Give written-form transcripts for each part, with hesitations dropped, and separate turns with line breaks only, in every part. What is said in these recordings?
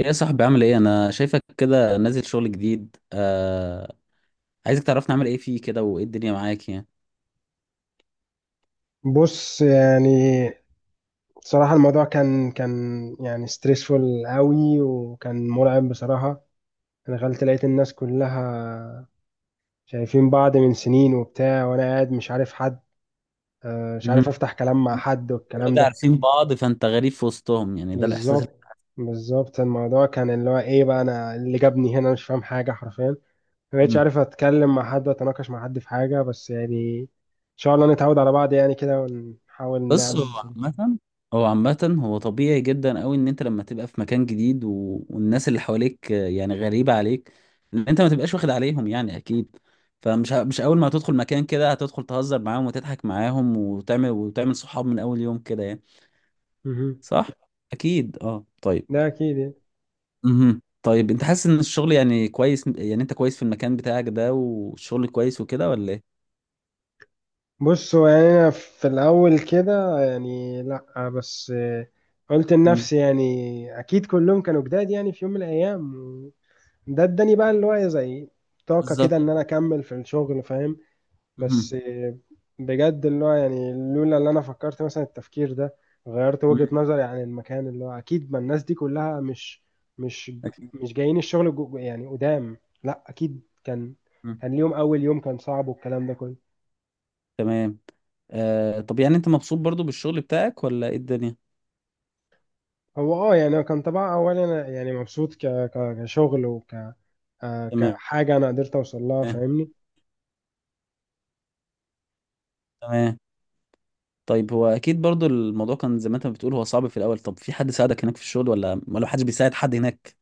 ايه يا صاحبي؟ عامل ايه؟ انا شايفك كده نازل شغل جديد عايزك تعرفنا عامل ايه فيه كده، وايه الدنيا معاك يعني.
بص، يعني بصراحة الموضوع كان يعني ستريسفول قوي، وكان مرعب بصراحة. أنا دخلت، لقيت الناس كلها شايفين بعض من سنين وبتاع، وأنا قاعد مش عارف حد، مش عارف
مهم.
أفتح كلام مع حد والكلام
اوريدي
ده.
عارفين بعض فانت غريب في وسطهم، يعني ده الاحساس
بالظبط، بالظبط الموضوع كان اللي هو إيه بقى، أنا اللي جابني هنا مش فاهم حاجة حرفيا. ما بقتش
مم.
عارف أتكلم مع حد وأتناقش مع حد في حاجة، بس يعني إن شاء الله نتعود على بعض يعني كده، ونحاول نعمل
بص،
بس
هو
مصاري.
عامة هو عامة هو طبيعي جدا قوي ان انت لما تبقى في مكان جديد والناس اللي حواليك يعني غريبة عليك، لان انت ما تبقاش واخد عليهم، يعني اكيد. فمش ه... مش اول ما هتدخل مكان كده هتدخل تهزر معاهم وتضحك معاهم وتعمل صحاب من اول يوم كده يعني.
مهم.
صح، اكيد. اه، طيب.
ده أكيد يعني.
مهم. طيب انت حاسس ان الشغل يعني كويس، يعني انت كويس في المكان بتاعك ده، والشغل كويس وكده، ولا ايه؟
بص، هو يعني أنا في الأول كده يعني لأ، بس قلت
مم.
لنفسي يعني أكيد كلهم كانوا جداد يعني في يوم من الأيام. ده اداني بقى اللي هو إيه، زي طاقة
بالظبط.
كده إن أنا أكمل في الشغل، فاهم.
مهم.
بس بجد اللي هو يعني لولا اللي أنا فكرت مثلا التفكير ده غيرت
مم.
وجهة نظري عن المكان اللي هو أكيد ما الناس دي كلها مش مش
أكيد.
جايين الشغل يعني قدام. لأ أكيد كان
مم.
كان ليهم أول يوم كان صعب والكلام ده كله.
تمام. آه، طب يعني انت مبسوط برضو بالشغل بتاعك ولا ايه الدنيا؟
هو يعني هو كان طبعا اولا انا يعني مبسوط كشغل وك آه،
تمام.
كحاجه انا قدرت اوصل لها، فاهمني.
تمام. طيب، هو اكيد برضو الموضوع كان زي ما انت بتقول، هو صعب في الاول. طب في حد ساعدك هناك في الشغل، ولا محدش بيساعد حد هناك؟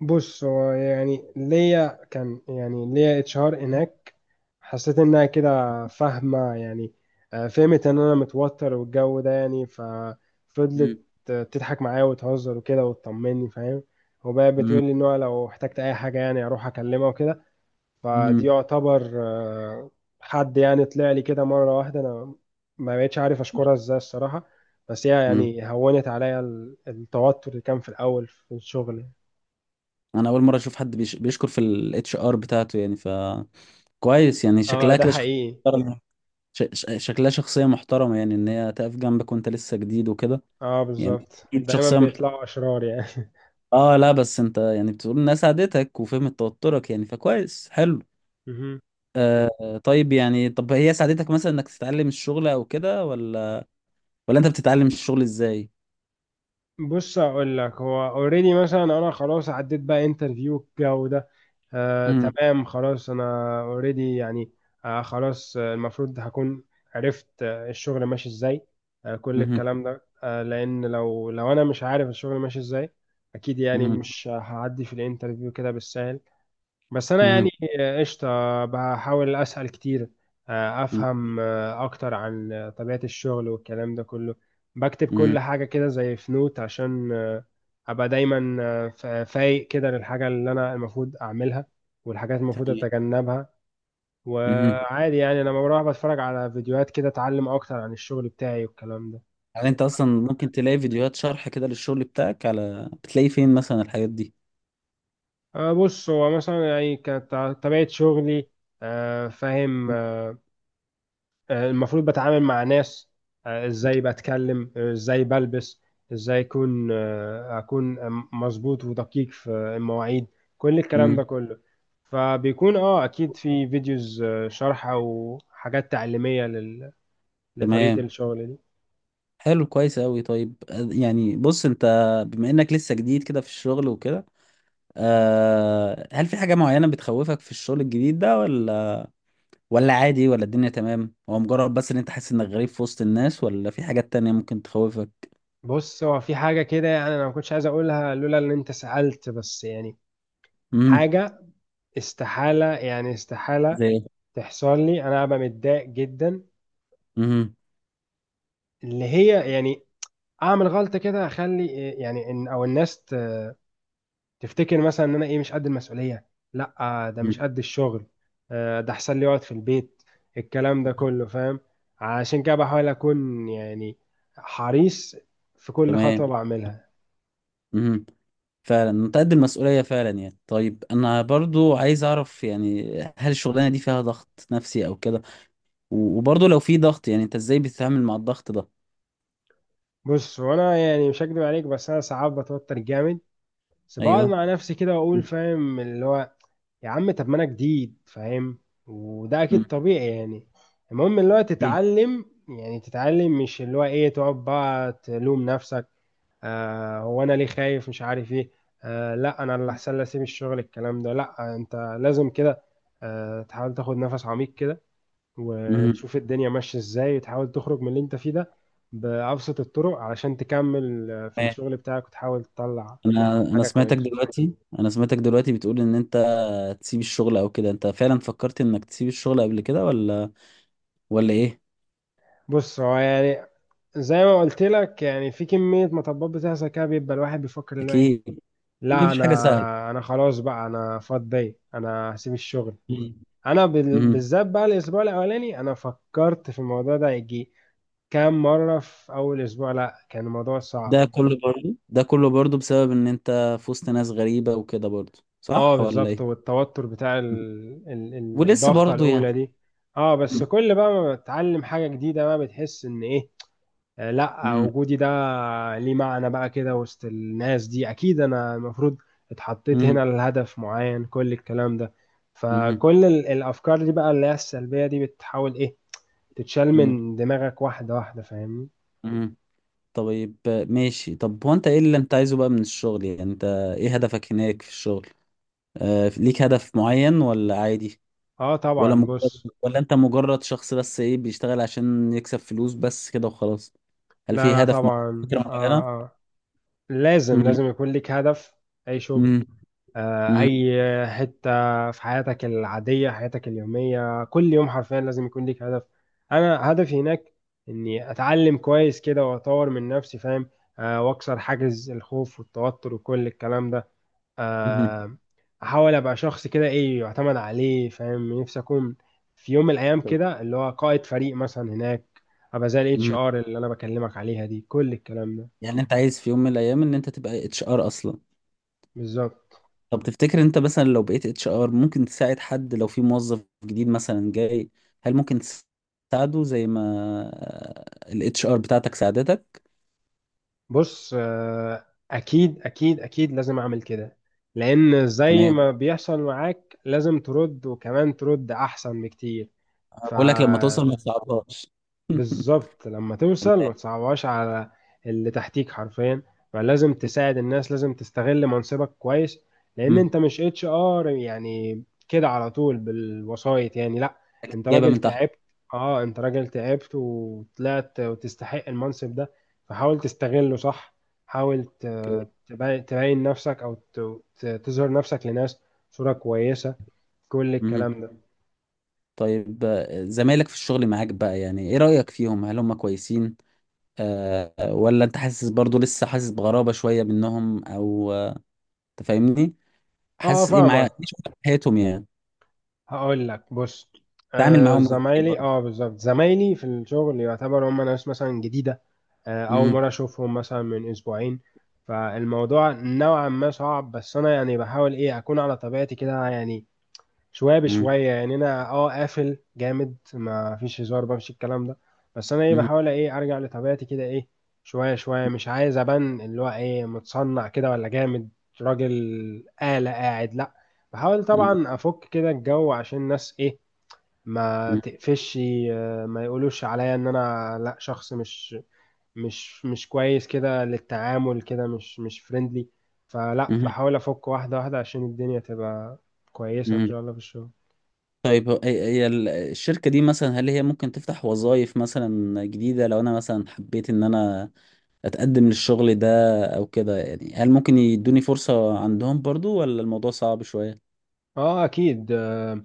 بص، هو يعني ليا كان، يعني ليا اتش ار هناك، حسيت انها كده فاهمه يعني. فهمت ان انا متوتر والجو ده يعني، ففضلت
مم.
تضحك معايا وتهزر وكده وتطمني، فاهم. وبقى
مم.
بتقول لي ان هو لو احتجت اي حاجه يعني اروح اكلمها وكده. فدي
مم.
يعتبر حد يعني طلع لي كده مرة واحدة، أنا ما بقتش عارف أشكرها إزاي الصراحة. بس هي
مم.
يعني هونت عليا التوتر اللي كان في الأول في الشغل.
انا اول مره اشوف حد بيشكر في الاتش ار بتاعته، يعني فكويس. يعني
اه،
شكلها
ده
كده شخصيه.
حقيقي.
شكلها شخصية محترمة، يعني ان هي تقف جنبك وانت لسه جديد وكده،
اه
يعني.
بالظبط،
أكيد
دايما
شخصية محترمة.
بيطلعوا أشرار يعني
اه، لا بس انت يعني بتقول انها ساعدتك وفهمت توترك، يعني فكويس، حلو.
مهم.
آه، طيب، يعني طب هي ساعدتك مثلا انك تتعلم الشغل او كده، ولا انت بتتعلم الشغل ازاي؟
بص، اقول لك هو اوريدي مثلا انا خلاص عديت بقى انترفيو الجو ده.
مم.
تمام، خلاص انا اوريدي يعني. خلاص، المفروض هكون عرفت الشغل ماشي ازاي، كل
مهم.
الكلام ده، لان لو انا مش عارف الشغل ماشي ازاي اكيد يعني
مهم.
مش هعدي في الانترفيو كده بالسهل. بس انا
مهم.
يعني قشطه، بحاول اسال كتير،
مهم.
افهم اكتر عن طبيعه الشغل والكلام ده كله. بكتب
مهم.
كل حاجه كده زي في نوت عشان ابقى دايما فايق كده للحاجه اللي انا المفروض اعملها والحاجات المفروض
تمام.
اتجنبها.
مهم.
وعادي يعني انا لما بروح بتفرج على فيديوهات كده، اتعلم اكتر عن الشغل بتاعي والكلام ده.
يعني
عشان
انت اصلا
أبقى-
ممكن تلاقي فيديوهات شرح كده للشغل بتاعك على بتلاقي فين مثلا الحاجات دي؟
بص، هو مثلا يعني كانت طبيعه شغلي، فاهم. المفروض بتعامل مع ناس، ازاي بتكلم، ازاي بلبس، ازاي اكون مظبوط ودقيق في المواعيد، كل الكلام ده
مم.
كله. فبيكون اكيد في فيديوز شرح او حاجات تعليمية لطريقة
تمام.
الشغل دي.
حلو، كويس أوي. طيب، يعني بص، انت بما انك لسه جديد كده في الشغل وكده، أه، هل في حاجة معينة بتخوفك في الشغل الجديد ده، ولا عادي، ولا الدنيا تمام، هو مجرد بس ان انت حاسس انك غريب في وسط الناس، ولا في حاجات تانية ممكن تخوفك؟
بص، هو في حاجة كده يعني انا ما كنتش عايز اقولها لولا ان انت سألت، بس يعني
امم
حاجة استحالة، يعني استحالة
زي ايه؟
تحصل لي انا ابقى متضايق جدا.
امم.
اللي هي يعني اعمل غلطه كده اخلي إيه يعني ان او الناس تفتكر مثلا ان انا ايه مش قد المسؤوليه، لا ده مش
أمم.
قد الشغل، ده احسن لي اقعد في البيت، الكلام ده كله، فاهم. عشان كده بحاول اكون يعني حريص في كل خطوه
تمام.
بعملها.
امم. فعلا انت قد المسؤولية فعلا، يعني طيب، انا برضو عايز اعرف، يعني هل الشغلانة دي فيها ضغط نفسي او كده؟ وبرضو لو في ضغط، يعني انت ازاي بتتعامل مع الضغط ده؟
بص، وانا يعني مش هكدب عليك، بس انا ساعات بتوتر جامد، بس بقعد
ايوه.
مع نفسي كده واقول فاهم اللي هو يا عم طب ما انا جديد، فاهم. وده اكيد طبيعي يعني. المهم اللي هو
مم.
تتعلم، يعني تتعلم، مش اللي هو ايه تقعد بقى تلوم نفسك. هو انا ليه خايف مش عارف ايه، لا انا اللي
مم.
احسن لي اسيب الشغل الكلام ده، لا، انت لازم كده تحاول تاخد نفس عميق كده، وتشوف الدنيا ماشية ازاي، وتحاول تخرج من اللي انت فيه ده بأبسط الطرق علشان تكمل في
تمام.
الشغل بتاعك وتحاول تطلع
انا
حاجة
سمعتك
كويسة.
دلوقتي انا سمعتك دلوقتي بتقول ان انت تسيب الشغل او كده. انت فعلا فكرت انك تسيب الشغل قبل كده، ولا ايه؟
بص، هو يعني زي ما قلت لك يعني في كمية مطبات بتحصل كده، بيبقى الواحد بيفكر اللي هو ايه،
اكيد. أكيد
لا
مفيش حاجه سهله.
انا خلاص بقى انا فاضي انا هسيب الشغل.
مم.
انا
مم.
بالذات بقى الاسبوع الاولاني انا فكرت في الموضوع ده يجي كام مرة في اول اسبوع، لا كان الموضوع صعب.
ده كله برضو بسبب ان انت في وسط ناس غريبه وكده، برضو
اه
صح ولا
بالظبط،
ايه؟
والتوتر بتاع
مم. ولسه
الضغطة
برضو
الاولى
يعني.
دي. اه بس
مم.
كل بقى ما بتتعلم حاجة جديدة بقى بتحس ان ايه، لا
مم.
وجودي ده ليه معنى بقى كده وسط الناس دي، اكيد انا المفروض اتحطيت هنا
مم.
لهدف معين، كل الكلام ده.
مم.
فكل الافكار دي بقى اللي هي السلبية دي بتحاول ايه تتشال
مم.
من دماغك واحدة واحدة، فاهمني.
مم. طيب، ماشي. طب هو انت ايه اللي انت عايزه بقى من الشغل؟ يعني انت ايه هدفك هناك في الشغل؟ آه، ليك هدف معين ولا عادي،
اه طبعا بص.
ولا انت مجرد شخص بس ايه بيشتغل عشان يكسب فلوس بس كده وخلاص؟ هل
لا
في
لا
هدف معين،
طبعا
فكرة
اه،
معينة؟
اه لازم،
مم.
لازم يكون ليك هدف. اي شغل،
مم. مم.
اي حته في حياتك العاديه، حياتك اليوميه، كل يوم حرفيا لازم يكون ليك هدف. انا هدفي هناك اني اتعلم كويس كده واطور من نفسي، فاهم. واكسر حاجز الخوف والتوتر وكل الكلام ده.
مم.
آه، احاول ابقى شخص كده ايه يعتمد عليه، فاهم نفسي اكون في يوم من الايام كده اللي هو قائد فريق مثلا هناك، ابقى زي الاتش
مم.
ار اللي انا بكلمك عليها دي، كل الكلام ده.
يعني انت عايز في يوم من الايام ان انت تبقى اتش ار اصلا.
بالظبط.
طب تفتكر انت مثلا لو بقيت اتش ار، ممكن تساعد حد لو في موظف جديد مثلا جاي؟ هل ممكن تساعده زي ما الاتش ار بتاعتك ساعدتك؟
بص، اكيد اكيد اكيد لازم اعمل كده، لان زي
تمام.
ما بيحصل معاك لازم ترد وكمان ترد احسن بكتير. ف
بقول لك لما توصل ما تصعبهاش.
بالظبط لما توصل ما تصعبهاش على اللي تحتيك حرفيا، فلازم تساعد الناس، لازم تستغل منصبك كويس، لان
تمام.
انت مش اتش ار يعني كده على طول بالوسايط يعني لا، انت
جايبه
راجل
من تحت.
تعبت، اه انت راجل تعبت وطلعت وتستحق المنصب ده، فحاول تستغله صح. حاول
اوكي.
تبين نفسك، او تظهر نفسك لناس صورة كويسة، كل
مهم.
الكلام ده.
طيب، زمايلك في الشغل معاك بقى، يعني ايه رأيك فيهم؟ هل هم كويسين، ولا انت حاسس برضو لسه حاسس بغرابة شوية منهم، او آه، أنت فاهمني؟
اه
حاسس ايه معايا، ايه
فاهمك،
شغل حياتهم يعني؟
هقول لك بص.
تعامل
آه
معاهم ازاي
زمايلي
برضو؟
اه بالظبط، زمايلي في الشغل يعتبر هم ناس مثلا جديدة، أول
مهم.
مرة أشوفهم مثلا من أسبوعين. فالموضوع نوعا ما صعب، بس أنا يعني بحاول إيه أكون على طبيعتي كده يعني. شويه
مهم.
بشويه يعني انا قافل جامد ما فيش هزار بقى مفيش الكلام ده. بس انا ايه
مهم.
بحاول ايه ارجع لطبيعتي كده ايه. شويه شويه مش عايز ابان اللي هو ايه متصنع كده ولا جامد، راجل آلة قاعد، لا، بحاول
مهم.
طبعا افك كده الجو عشان الناس ايه ما تقفش، ما يقولوش عليا ان انا لا شخص مش كويس كده للتعامل، كده مش فريندلي. فلا
مهم.
بحاول افك واحده واحده عشان الدنيا تبقى كويسه ان
مهم.
شاء الله في الشغل.
طيب، هي الشركة دي مثلا، هل هي ممكن تفتح وظائف مثلا جديدة لو انا مثلا حبيت ان انا اتقدم للشغل ده او كده؟ يعني هل ممكن يدوني فرصة عندهم برضو، ولا الموضوع صعب شوية؟
اه اكيد،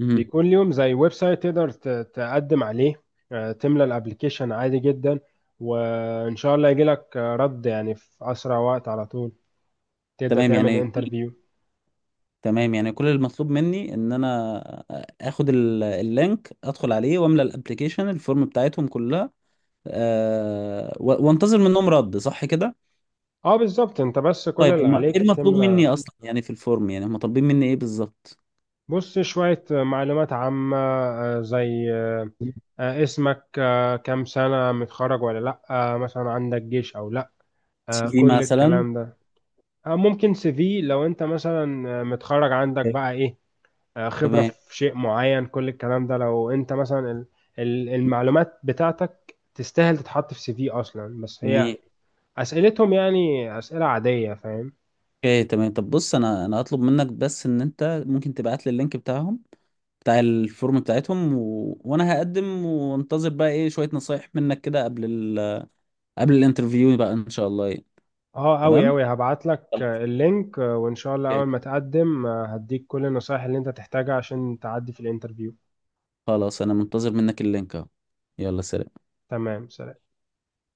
امم.
بيكون ليهم زي ويب سايت تقدر تقدم عليه، تملى الابليكيشن عادي جدا، وان شاء الله يجي لك رد يعني في اسرع وقت، على طول تبدا
تمام
تعمل
يعني كل-
انترفيو.
تمام، يعني كل المطلوب مني ان انا اخد اللينك، ادخل عليه، واملى الابليكيشن، الفورم بتاعتهم كلها، أه، وانتظر منهم رد، صح كده؟
اه بالظبط، انت بس كل
طيب
اللي
هم ايه
عليك
المطلوب مني
تملى.
اصلا يعني في الفورم؟ يعني هم طالبين مني ايه بالظبط؟
بص، شويه معلومات عامه زي اسمك، كام سنه متخرج ولا لا، مثلا عندك جيش او لا،
سي في
كل
مثلا؟
الكلام ده. ممكن سي في لو انت مثلا متخرج عندك
أوكي.
بقى ايه، خبرة
تمام.
في شيء معين، كل الكلام ده لو انت مثلا المعلومات بتاعتك تستاهل تتحط في سي في اصلا، بس هي
جميل.
اسئلتهم يعني اسئلة عادية، فاهم.
اوكي، تمام. طب بص، انا هطلب منك بس ان انت ممكن تبعت لي اللينك بتاعهم، بتاع الفورم بتاعتهم، وانا هقدم وانتظر بقى ايه شوية نصايح منك كده قبل قبل الانترفيو بقى ان شاء الله يعني.
اه اوي
تمام.
اوي هبعت لك
خلاص.
اللينك، وان شاء الله
أوكي.
اول ما تقدم هديك كل النصايح اللي انت تحتاجها عشان تعدي في الانترفيو.
خلاص، انا منتظر منك اللينك اهو. يلا، سلام.
تمام، سلام.